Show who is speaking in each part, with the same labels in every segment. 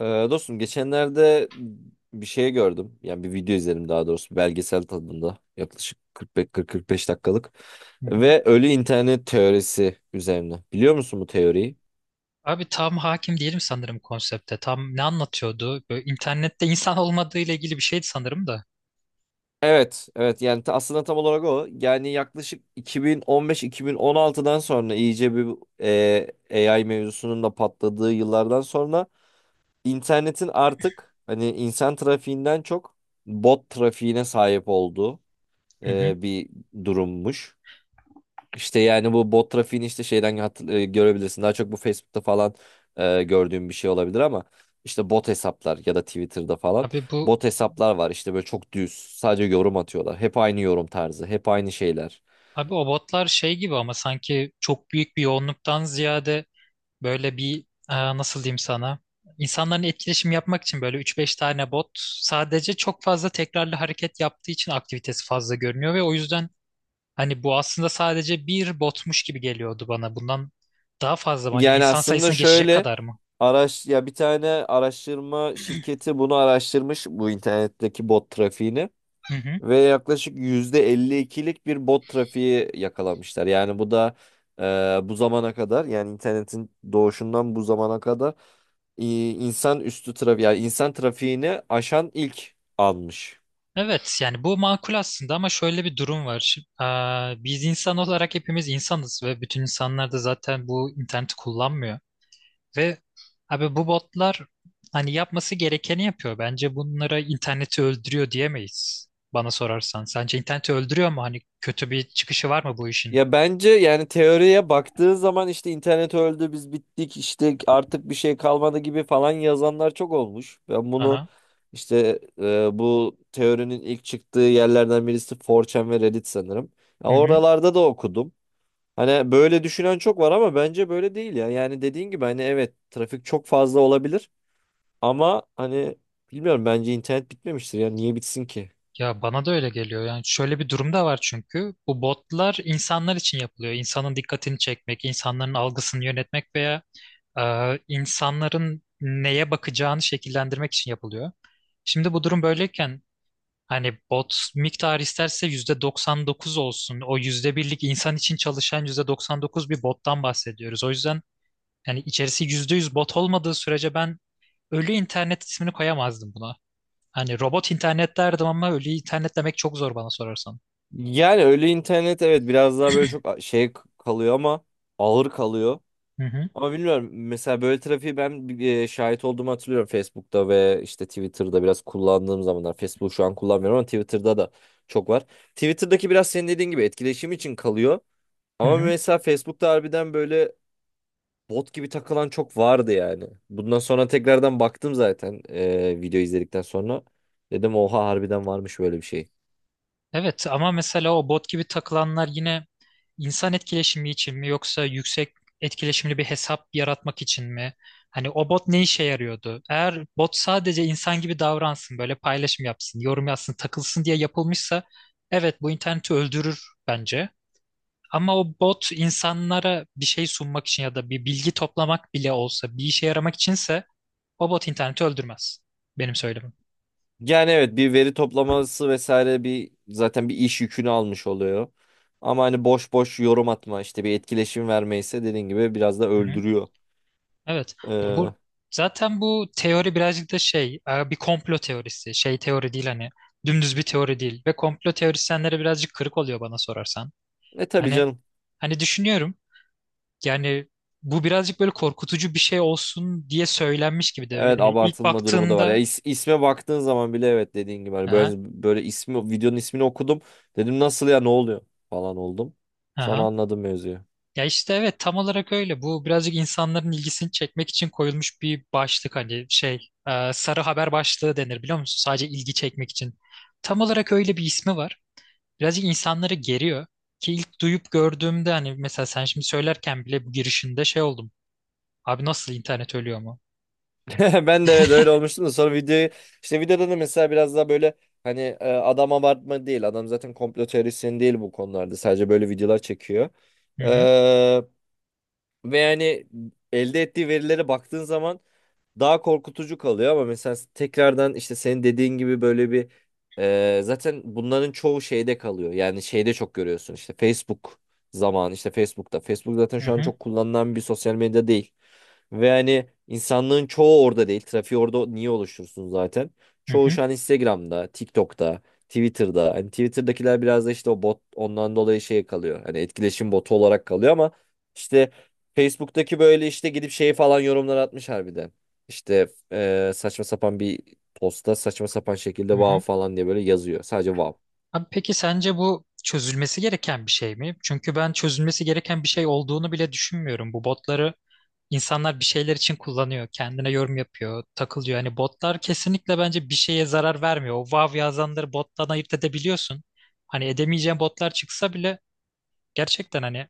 Speaker 1: Ee, dostum geçenlerde bir şey gördüm. Yani bir video izledim, daha doğrusu belgesel tadında yaklaşık 45-45 dakikalık.
Speaker 2: Hı hı.
Speaker 1: Ve ölü internet teorisi üzerine. Biliyor musun bu teoriyi?
Speaker 2: Abi tam hakim değilim sanırım konsepte. Tam ne anlatıyordu? Böyle internette insan olmadığı ile ilgili bir şeydi sanırım da.
Speaker 1: Evet, evet, yani aslında tam olarak o. Yani yaklaşık 2015-2016'dan sonra iyice bir AI mevzusunun da patladığı yıllardan sonra internetin artık hani insan trafiğinden çok bot trafiğine sahip olduğu
Speaker 2: Hı hı.
Speaker 1: bir durummuş. İşte yani bu bot trafiğini işte şeyden görebilirsin. Daha çok bu Facebook'ta falan gördüğüm bir şey olabilir ama işte bot hesaplar ya da Twitter'da falan
Speaker 2: Abi bu
Speaker 1: bot hesaplar var. İşte böyle çok düz sadece yorum atıyorlar. Hep aynı yorum tarzı, hep aynı şeyler.
Speaker 2: abi o botlar şey gibi ama sanki çok büyük bir yoğunluktan ziyade böyle bir nasıl diyeyim sana? İnsanların etkileşim yapmak için böyle üç beş tane bot sadece çok fazla tekrarlı hareket yaptığı için aktivitesi fazla görünüyor ve o yüzden hani bu aslında sadece bir botmuş gibi geliyordu bana. Bundan daha fazla mı? Hani
Speaker 1: Yani
Speaker 2: insan
Speaker 1: aslında
Speaker 2: sayısını geçecek
Speaker 1: şöyle
Speaker 2: kadar mı?
Speaker 1: ya, bir tane araştırma şirketi bunu araştırmış, bu internetteki bot trafiğini. Ve yaklaşık %52'lik bir bot trafiği yakalamışlar. Yani bu da bu zamana kadar, yani internetin doğuşundan bu zamana kadar insan üstü trafik, yani insan trafiğini aşan ilk almış.
Speaker 2: Evet yani bu makul aslında ama şöyle bir durum var. Şimdi, biz insan olarak hepimiz insanız ve bütün insanlar da zaten bu interneti kullanmıyor. Ve abi bu botlar hani yapması gerekeni yapıyor. Bence bunlara interneti öldürüyor diyemeyiz bana sorarsan. Sence interneti öldürüyor mu? Hani kötü bir çıkışı var mı bu işin?
Speaker 1: Ya bence yani teoriye baktığın zaman, işte internet öldü, biz bittik, işte artık bir şey kalmadı gibi falan yazanlar çok olmuş. Ben bunu
Speaker 2: Aha.
Speaker 1: işte bu teorinin ilk çıktığı yerlerden birisi 4chan ve Reddit sanırım. Ya
Speaker 2: Hı hı.
Speaker 1: oralarda da okudum. Hani böyle düşünen çok var ama bence böyle değil ya. Yani dediğin gibi hani, evet, trafik çok fazla olabilir ama hani, bilmiyorum, bence internet bitmemiştir ya. Niye bitsin ki?
Speaker 2: Ya bana da öyle geliyor. Yani şöyle bir durum da var çünkü bu botlar insanlar için yapılıyor. İnsanın dikkatini çekmek, insanların algısını yönetmek veya e, insanların neye bakacağını şekillendirmek için yapılıyor. Şimdi bu durum böyleyken hani bot miktarı isterse %99 olsun. O yüzde birlik insan için çalışan %99 bir bottan bahsediyoruz. O yüzden yani içerisi %100 bot olmadığı sürece ben ölü internet ismini koyamazdım buna. Hani robot internet derdim ama ölü internet demek çok zor bana sorarsan.
Speaker 1: Yani öyle internet, evet, biraz daha böyle çok şey kalıyor ama ağır kalıyor.
Speaker 2: Hı hı,
Speaker 1: Ama bilmiyorum, mesela böyle trafiği ben şahit olduğumu hatırlıyorum Facebook'ta ve işte Twitter'da biraz kullandığım zamanlar. Facebook şu an kullanmıyorum ama Twitter'da da çok var. Twitter'daki biraz senin dediğin gibi etkileşim için kalıyor.
Speaker 2: hı
Speaker 1: Ama
Speaker 2: hı.
Speaker 1: mesela Facebook'ta harbiden böyle bot gibi takılan çok vardı yani. Bundan sonra tekrardan baktım zaten video izledikten sonra. Dedim oha, harbiden varmış böyle bir şey.
Speaker 2: Evet ama mesela o bot gibi takılanlar yine İnsan etkileşimi için mi yoksa yüksek etkileşimli bir hesap yaratmak için mi? Hani o bot ne işe yarıyordu? Eğer bot sadece insan gibi davransın, böyle paylaşım yapsın, yorum yazsın, takılsın diye yapılmışsa evet bu interneti öldürür bence. Ama o bot insanlara bir şey sunmak için ya da bir bilgi toplamak bile olsa bir işe yaramak içinse o bot interneti öldürmez. Benim
Speaker 1: Yani evet, bir veri toplaması vesaire, bir zaten bir iş yükünü almış oluyor. Ama hani boş boş yorum atma, işte bir etkileşim
Speaker 2: söylemim.
Speaker 1: vermeyse dediğin gibi biraz da öldürüyor.
Speaker 2: Evet. Ya bu
Speaker 1: E,
Speaker 2: zaten bu teori birazcık da bir komplo teorisi. Şey teori değil hani dümdüz bir teori değil ve komplo teorisyenlere birazcık kırık oluyor bana sorarsan.
Speaker 1: tabii
Speaker 2: Hani
Speaker 1: canım.
Speaker 2: hani düşünüyorum yani bu birazcık böyle korkutucu bir şey olsun diye söylenmiş gibi de
Speaker 1: Evet,
Speaker 2: yani ilk
Speaker 1: abartılma durumu da var. Ya
Speaker 2: baktığında.
Speaker 1: isme baktığın zaman bile, evet, dediğin gibi hani böyle,
Speaker 2: Ha.
Speaker 1: böyle videonun ismini okudum. Dedim nasıl ya, ne oluyor falan oldum. Sonra
Speaker 2: Aha.
Speaker 1: anladım mevzuyu.
Speaker 2: Ya işte evet tam olarak öyle. Bu birazcık insanların ilgisini çekmek için koyulmuş bir başlık hani sarı haber başlığı denir biliyor musun? Sadece ilgi çekmek için. Tam olarak öyle bir ismi var. Birazcık insanları geriyor. Ki ilk duyup gördüğümde hani mesela sen şimdi söylerken bile bu girişinde şey oldum. Abi nasıl internet ölüyor mu?
Speaker 1: Ben de evet öyle olmuştum da, sonra işte videoda da mesela biraz daha böyle hani adam abartma değil, adam zaten komplo teorisyeni değil, bu konularda sadece böyle videolar çekiyor.
Speaker 2: Hı hı,
Speaker 1: Ee, ve yani elde ettiği verilere baktığın zaman daha korkutucu kalıyor ama mesela tekrardan işte senin dediğin gibi böyle bir zaten bunların çoğu şeyde kalıyor. Yani şeyde çok görüyorsun, işte Facebook zaman işte Facebook'ta. Facebook zaten
Speaker 2: hı
Speaker 1: şu an
Speaker 2: hı,
Speaker 1: çok kullanılan bir sosyal medya değil. Ve hani insanlığın çoğu orada değil. Trafiği orada niye oluştursun zaten?
Speaker 2: hı
Speaker 1: Çoğu
Speaker 2: hı,
Speaker 1: şu an Instagram'da, TikTok'ta, Twitter'da. Hani Twitter'dakiler biraz da işte o bot, ondan dolayı şey kalıyor. Hani etkileşim botu olarak kalıyor ama işte Facebook'taki böyle işte gidip şey falan yorumlar atmış harbiden. İşte saçma sapan bir posta, saçma sapan
Speaker 2: hı
Speaker 1: şekilde vav
Speaker 2: hı.
Speaker 1: falan diye böyle yazıyor. Sadece vav.
Speaker 2: Abi peki sence bu çözülmesi gereken bir şey mi? Çünkü ben çözülmesi gereken bir şey olduğunu bile düşünmüyorum. Bu botları insanlar bir şeyler için kullanıyor. Kendine yorum yapıyor, takılıyor. Hani botlar kesinlikle bence bir şeye zarar vermiyor. O wow yazanları bottan ayırt edebiliyorsun. Hani edemeyeceğin botlar çıksa bile gerçekten hani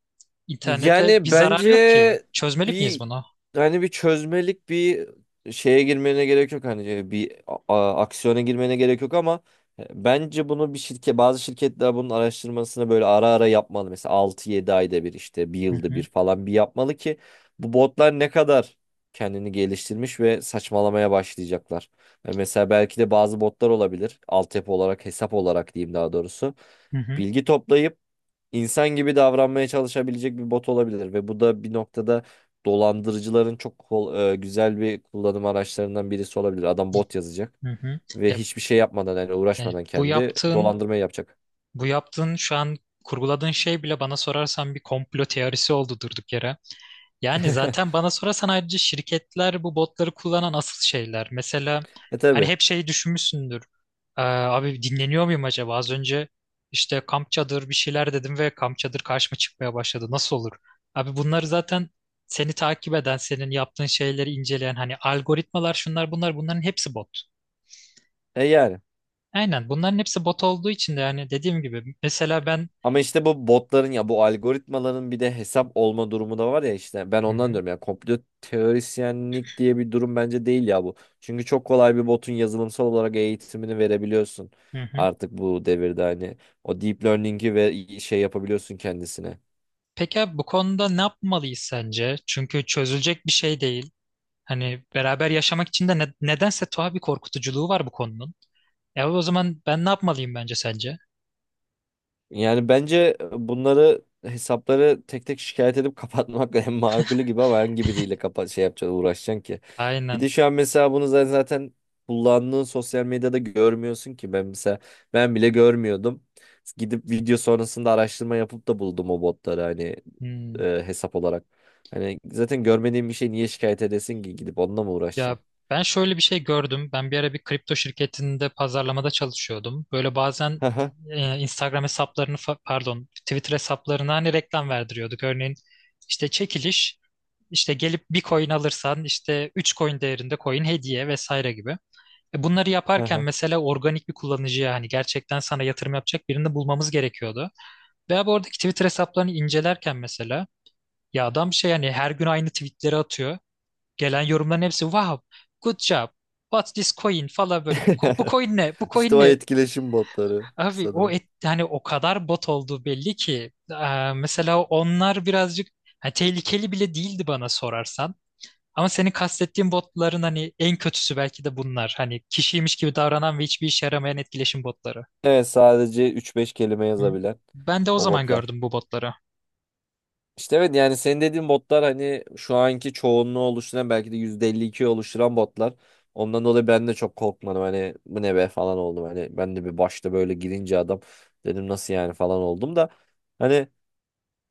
Speaker 2: internete bir
Speaker 1: Yani
Speaker 2: zarar
Speaker 1: bence
Speaker 2: yok ki. Çözmeli miyiz
Speaker 1: bir,
Speaker 2: bunu?
Speaker 1: hani bir çözmelik bir şeye girmene gerek yok, hani bir aksiyona girmene gerek yok ama bence bunu bir şirket, bazı şirketler bunun araştırmasını böyle ara ara yapmalı. Mesela 6-7 ayda bir, işte bir
Speaker 2: Hı
Speaker 1: yılda bir
Speaker 2: hı
Speaker 1: falan bir yapmalı ki bu botlar ne kadar kendini geliştirmiş ve saçmalamaya başlayacaklar. Mesela belki de bazı botlar olabilir. Altyapı olarak, hesap olarak diyeyim daha doğrusu.
Speaker 2: hı hı.
Speaker 1: Bilgi toplayıp insan gibi davranmaya çalışabilecek bir bot olabilir ve bu da bir noktada dolandırıcıların çok güzel bir kullanım araçlarından birisi olabilir. Adam bot yazacak
Speaker 2: Hı hı.
Speaker 1: ve
Speaker 2: Ya,
Speaker 1: hiçbir şey yapmadan, yani
Speaker 2: yani
Speaker 1: uğraşmadan
Speaker 2: bu
Speaker 1: kendi
Speaker 2: yaptığın,
Speaker 1: dolandırmayı yapacak.
Speaker 2: bu yaptığın şu an kurguladığın şey bile bana sorarsan bir komplo teorisi oldu durduk yere. Yani zaten bana sorarsan ayrıca şirketler bu botları kullanan asıl şeyler. Mesela
Speaker 1: E
Speaker 2: hani
Speaker 1: tabii.
Speaker 2: hep şeyi düşünmüşsündür. Abi dinleniyor muyum acaba? Az önce işte kamp çadır bir şeyler dedim ve kamp çadır karşıma çıkmaya başladı. Nasıl olur? Abi bunları zaten seni takip eden, senin yaptığın şeyleri inceleyen hani algoritmalar şunlar bunlar bunların hepsi bot.
Speaker 1: E yani.
Speaker 2: Aynen bunların hepsi bot olduğu için de yani dediğim gibi mesela ben.
Speaker 1: Ama işte bu botların ya bu algoritmaların bir de hesap olma durumu da var ya, işte ben
Speaker 2: Hı hı.
Speaker 1: ondan diyorum ya, komplo teorisyenlik diye bir durum bence değil ya bu. Çünkü çok kolay bir botun yazılımsal olarak eğitimini verebiliyorsun
Speaker 2: Hı hı.
Speaker 1: artık bu devirde, hani o deep learning'i ve şey yapabiliyorsun kendisine.
Speaker 2: Peki abi bu konuda ne yapmalıyız sence? Çünkü çözülecek bir şey değil. Hani beraber yaşamak için de nedense tuhaf bir korkutuculuğu var bu konunun. E o zaman ben ne yapmalıyım bence sence?
Speaker 1: Yani bence bunları, hesapları tek tek şikayet edip kapatmak en makulü gibi ama hangi biriyle kapat, şey yapacaksın, uğraşacaksın ki. Bir
Speaker 2: Aynen.
Speaker 1: de şu an mesela bunu zaten kullandığın sosyal medyada görmüyorsun ki, ben mesela ben bile görmüyordum. Gidip video sonrasında araştırma yapıp da buldum o botları, hani
Speaker 2: Hmm.
Speaker 1: hesap olarak. Hani zaten görmediğin bir şey niye şikayet edesin ki, gidip onunla mı
Speaker 2: Ya
Speaker 1: uğraşacaksın?
Speaker 2: ben şöyle bir şey gördüm. Ben bir ara bir kripto şirketinde pazarlamada çalışıyordum. Böyle bazen
Speaker 1: Haha.
Speaker 2: Instagram hesaplarını pardon Twitter hesaplarına hani reklam verdiriyorduk. Örneğin işte çekiliş işte gelip bir coin alırsan işte 3 coin değerinde coin hediye vesaire gibi. Bunları yaparken
Speaker 1: Haha.
Speaker 2: mesela organik bir kullanıcıya hani gerçekten sana yatırım yapacak birini bulmamız gerekiyordu. Veya bu oradaki Twitter hesaplarını incelerken mesela ya adam şey yani her gün aynı tweetleri atıyor. Gelen yorumların hepsi wow, good job, what's this coin falan böyle. Bu coin ne? Bu
Speaker 1: İşte
Speaker 2: coin
Speaker 1: o
Speaker 2: ne?
Speaker 1: etkileşim botları
Speaker 2: Abi
Speaker 1: sanırım.
Speaker 2: yani o kadar bot olduğu belli ki. Mesela onlar birazcık hani tehlikeli bile değildi bana sorarsan. Ama senin kastettiğin botların hani en kötüsü belki de bunlar. Hani kişiymiş gibi davranan ve hiçbir işe yaramayan etkileşim botları.
Speaker 1: Evet, sadece üç beş kelime
Speaker 2: Hı.
Speaker 1: yazabilen
Speaker 2: Ben de o
Speaker 1: o
Speaker 2: zaman
Speaker 1: botlar.
Speaker 2: gördüm bu botları.
Speaker 1: İşte evet, yani senin dediğin botlar, hani şu anki çoğunluğu oluşturan, belki de %52'yi oluşturan botlar. Ondan dolayı ben de çok korkmadım, hani bu ne be falan oldum. Hani ben de bir başta böyle girince adam, dedim nasıl yani falan oldum da. Hani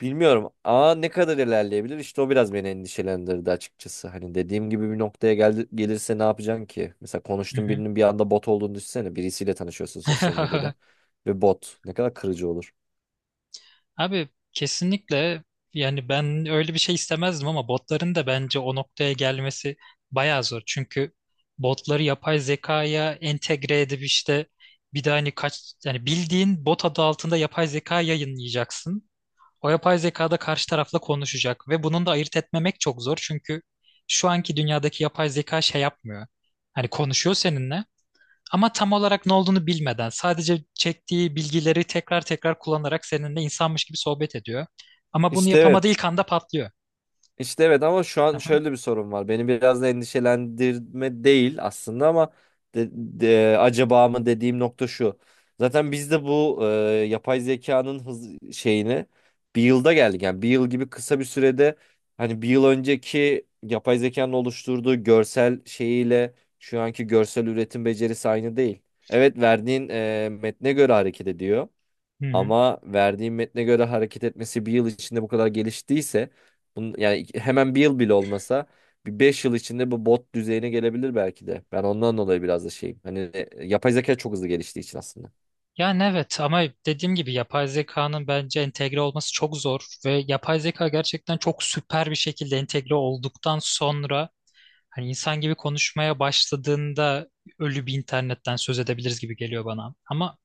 Speaker 1: bilmiyorum, ne kadar ilerleyebilir işte, o biraz beni endişelendirdi açıkçası. Hani dediğim gibi bir noktaya gelirse ne yapacaksın ki? Mesela
Speaker 2: Hı
Speaker 1: konuştuğun
Speaker 2: hı.
Speaker 1: birinin bir anda bot olduğunu düşünsene, birisiyle tanışıyorsun sosyal medyada ve bot, ne kadar kırıcı olur.
Speaker 2: Abi kesinlikle yani ben öyle bir şey istemezdim ama botların da bence o noktaya gelmesi bayağı zor. Çünkü botları yapay zekaya entegre edip işte bir de hani kaç yani bildiğin bot adı altında yapay zeka yayınlayacaksın. O yapay zeka da karşı tarafla konuşacak ve bunun da ayırt etmemek çok zor. Çünkü şu anki dünyadaki yapay zeka şey yapmıyor. Hani konuşuyor seninle ama tam olarak ne olduğunu bilmeden sadece çektiği bilgileri tekrar tekrar kullanarak seninle insanmış gibi sohbet ediyor. Ama bunu
Speaker 1: İşte
Speaker 2: yapamadığı
Speaker 1: evet.
Speaker 2: ilk anda patlıyor.
Speaker 1: İşte evet ama şu an
Speaker 2: Aha.
Speaker 1: şöyle bir sorun var. Beni biraz da endişelendirme değil aslında ama acaba mı dediğim nokta şu. Zaten biz de bu yapay zekanın hız şeyini bir yılda geldik. Yani bir yıl gibi kısa bir sürede hani bir yıl önceki yapay zekanın oluşturduğu görsel şeyiyle şu anki görsel üretim becerisi aynı değil. Evet, verdiğin metne göre hareket ediyor.
Speaker 2: Hı hı. Hı.
Speaker 1: Ama verdiğim metne göre hareket etmesi bir yıl içinde bu kadar geliştiyse bunun, yani hemen bir yıl bile olmasa bir 5 yıl içinde bu bot düzeyine gelebilir belki de. Ben ondan dolayı biraz da şeyim. Hani yapay zeka çok hızlı geliştiği için aslında.
Speaker 2: Yani evet ama dediğim gibi yapay zekanın bence entegre olması çok zor ve yapay zeka gerçekten çok süper bir şekilde entegre olduktan sonra hani insan gibi konuşmaya başladığında ölü bir internetten söz edebiliriz gibi geliyor bana. Ama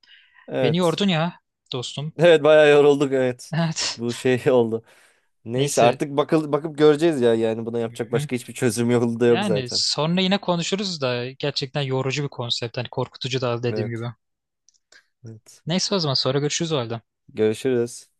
Speaker 2: beni
Speaker 1: Evet.
Speaker 2: yordun ya dostum.
Speaker 1: Evet, bayağı yorulduk, evet.
Speaker 2: Evet.
Speaker 1: Bu şey oldu. Neyse,
Speaker 2: Neyse.
Speaker 1: artık bakıp göreceğiz ya. Yani buna
Speaker 2: Hı
Speaker 1: yapacak
Speaker 2: hı.
Speaker 1: başka hiçbir çözüm yolu da yok
Speaker 2: Yani
Speaker 1: zaten.
Speaker 2: sonra yine konuşuruz da gerçekten yorucu bir konsept. Hani korkutucu da dediğim gibi.
Speaker 1: Evet. Evet.
Speaker 2: Neyse o zaman sonra görüşürüz o halde.
Speaker 1: Görüşürüz.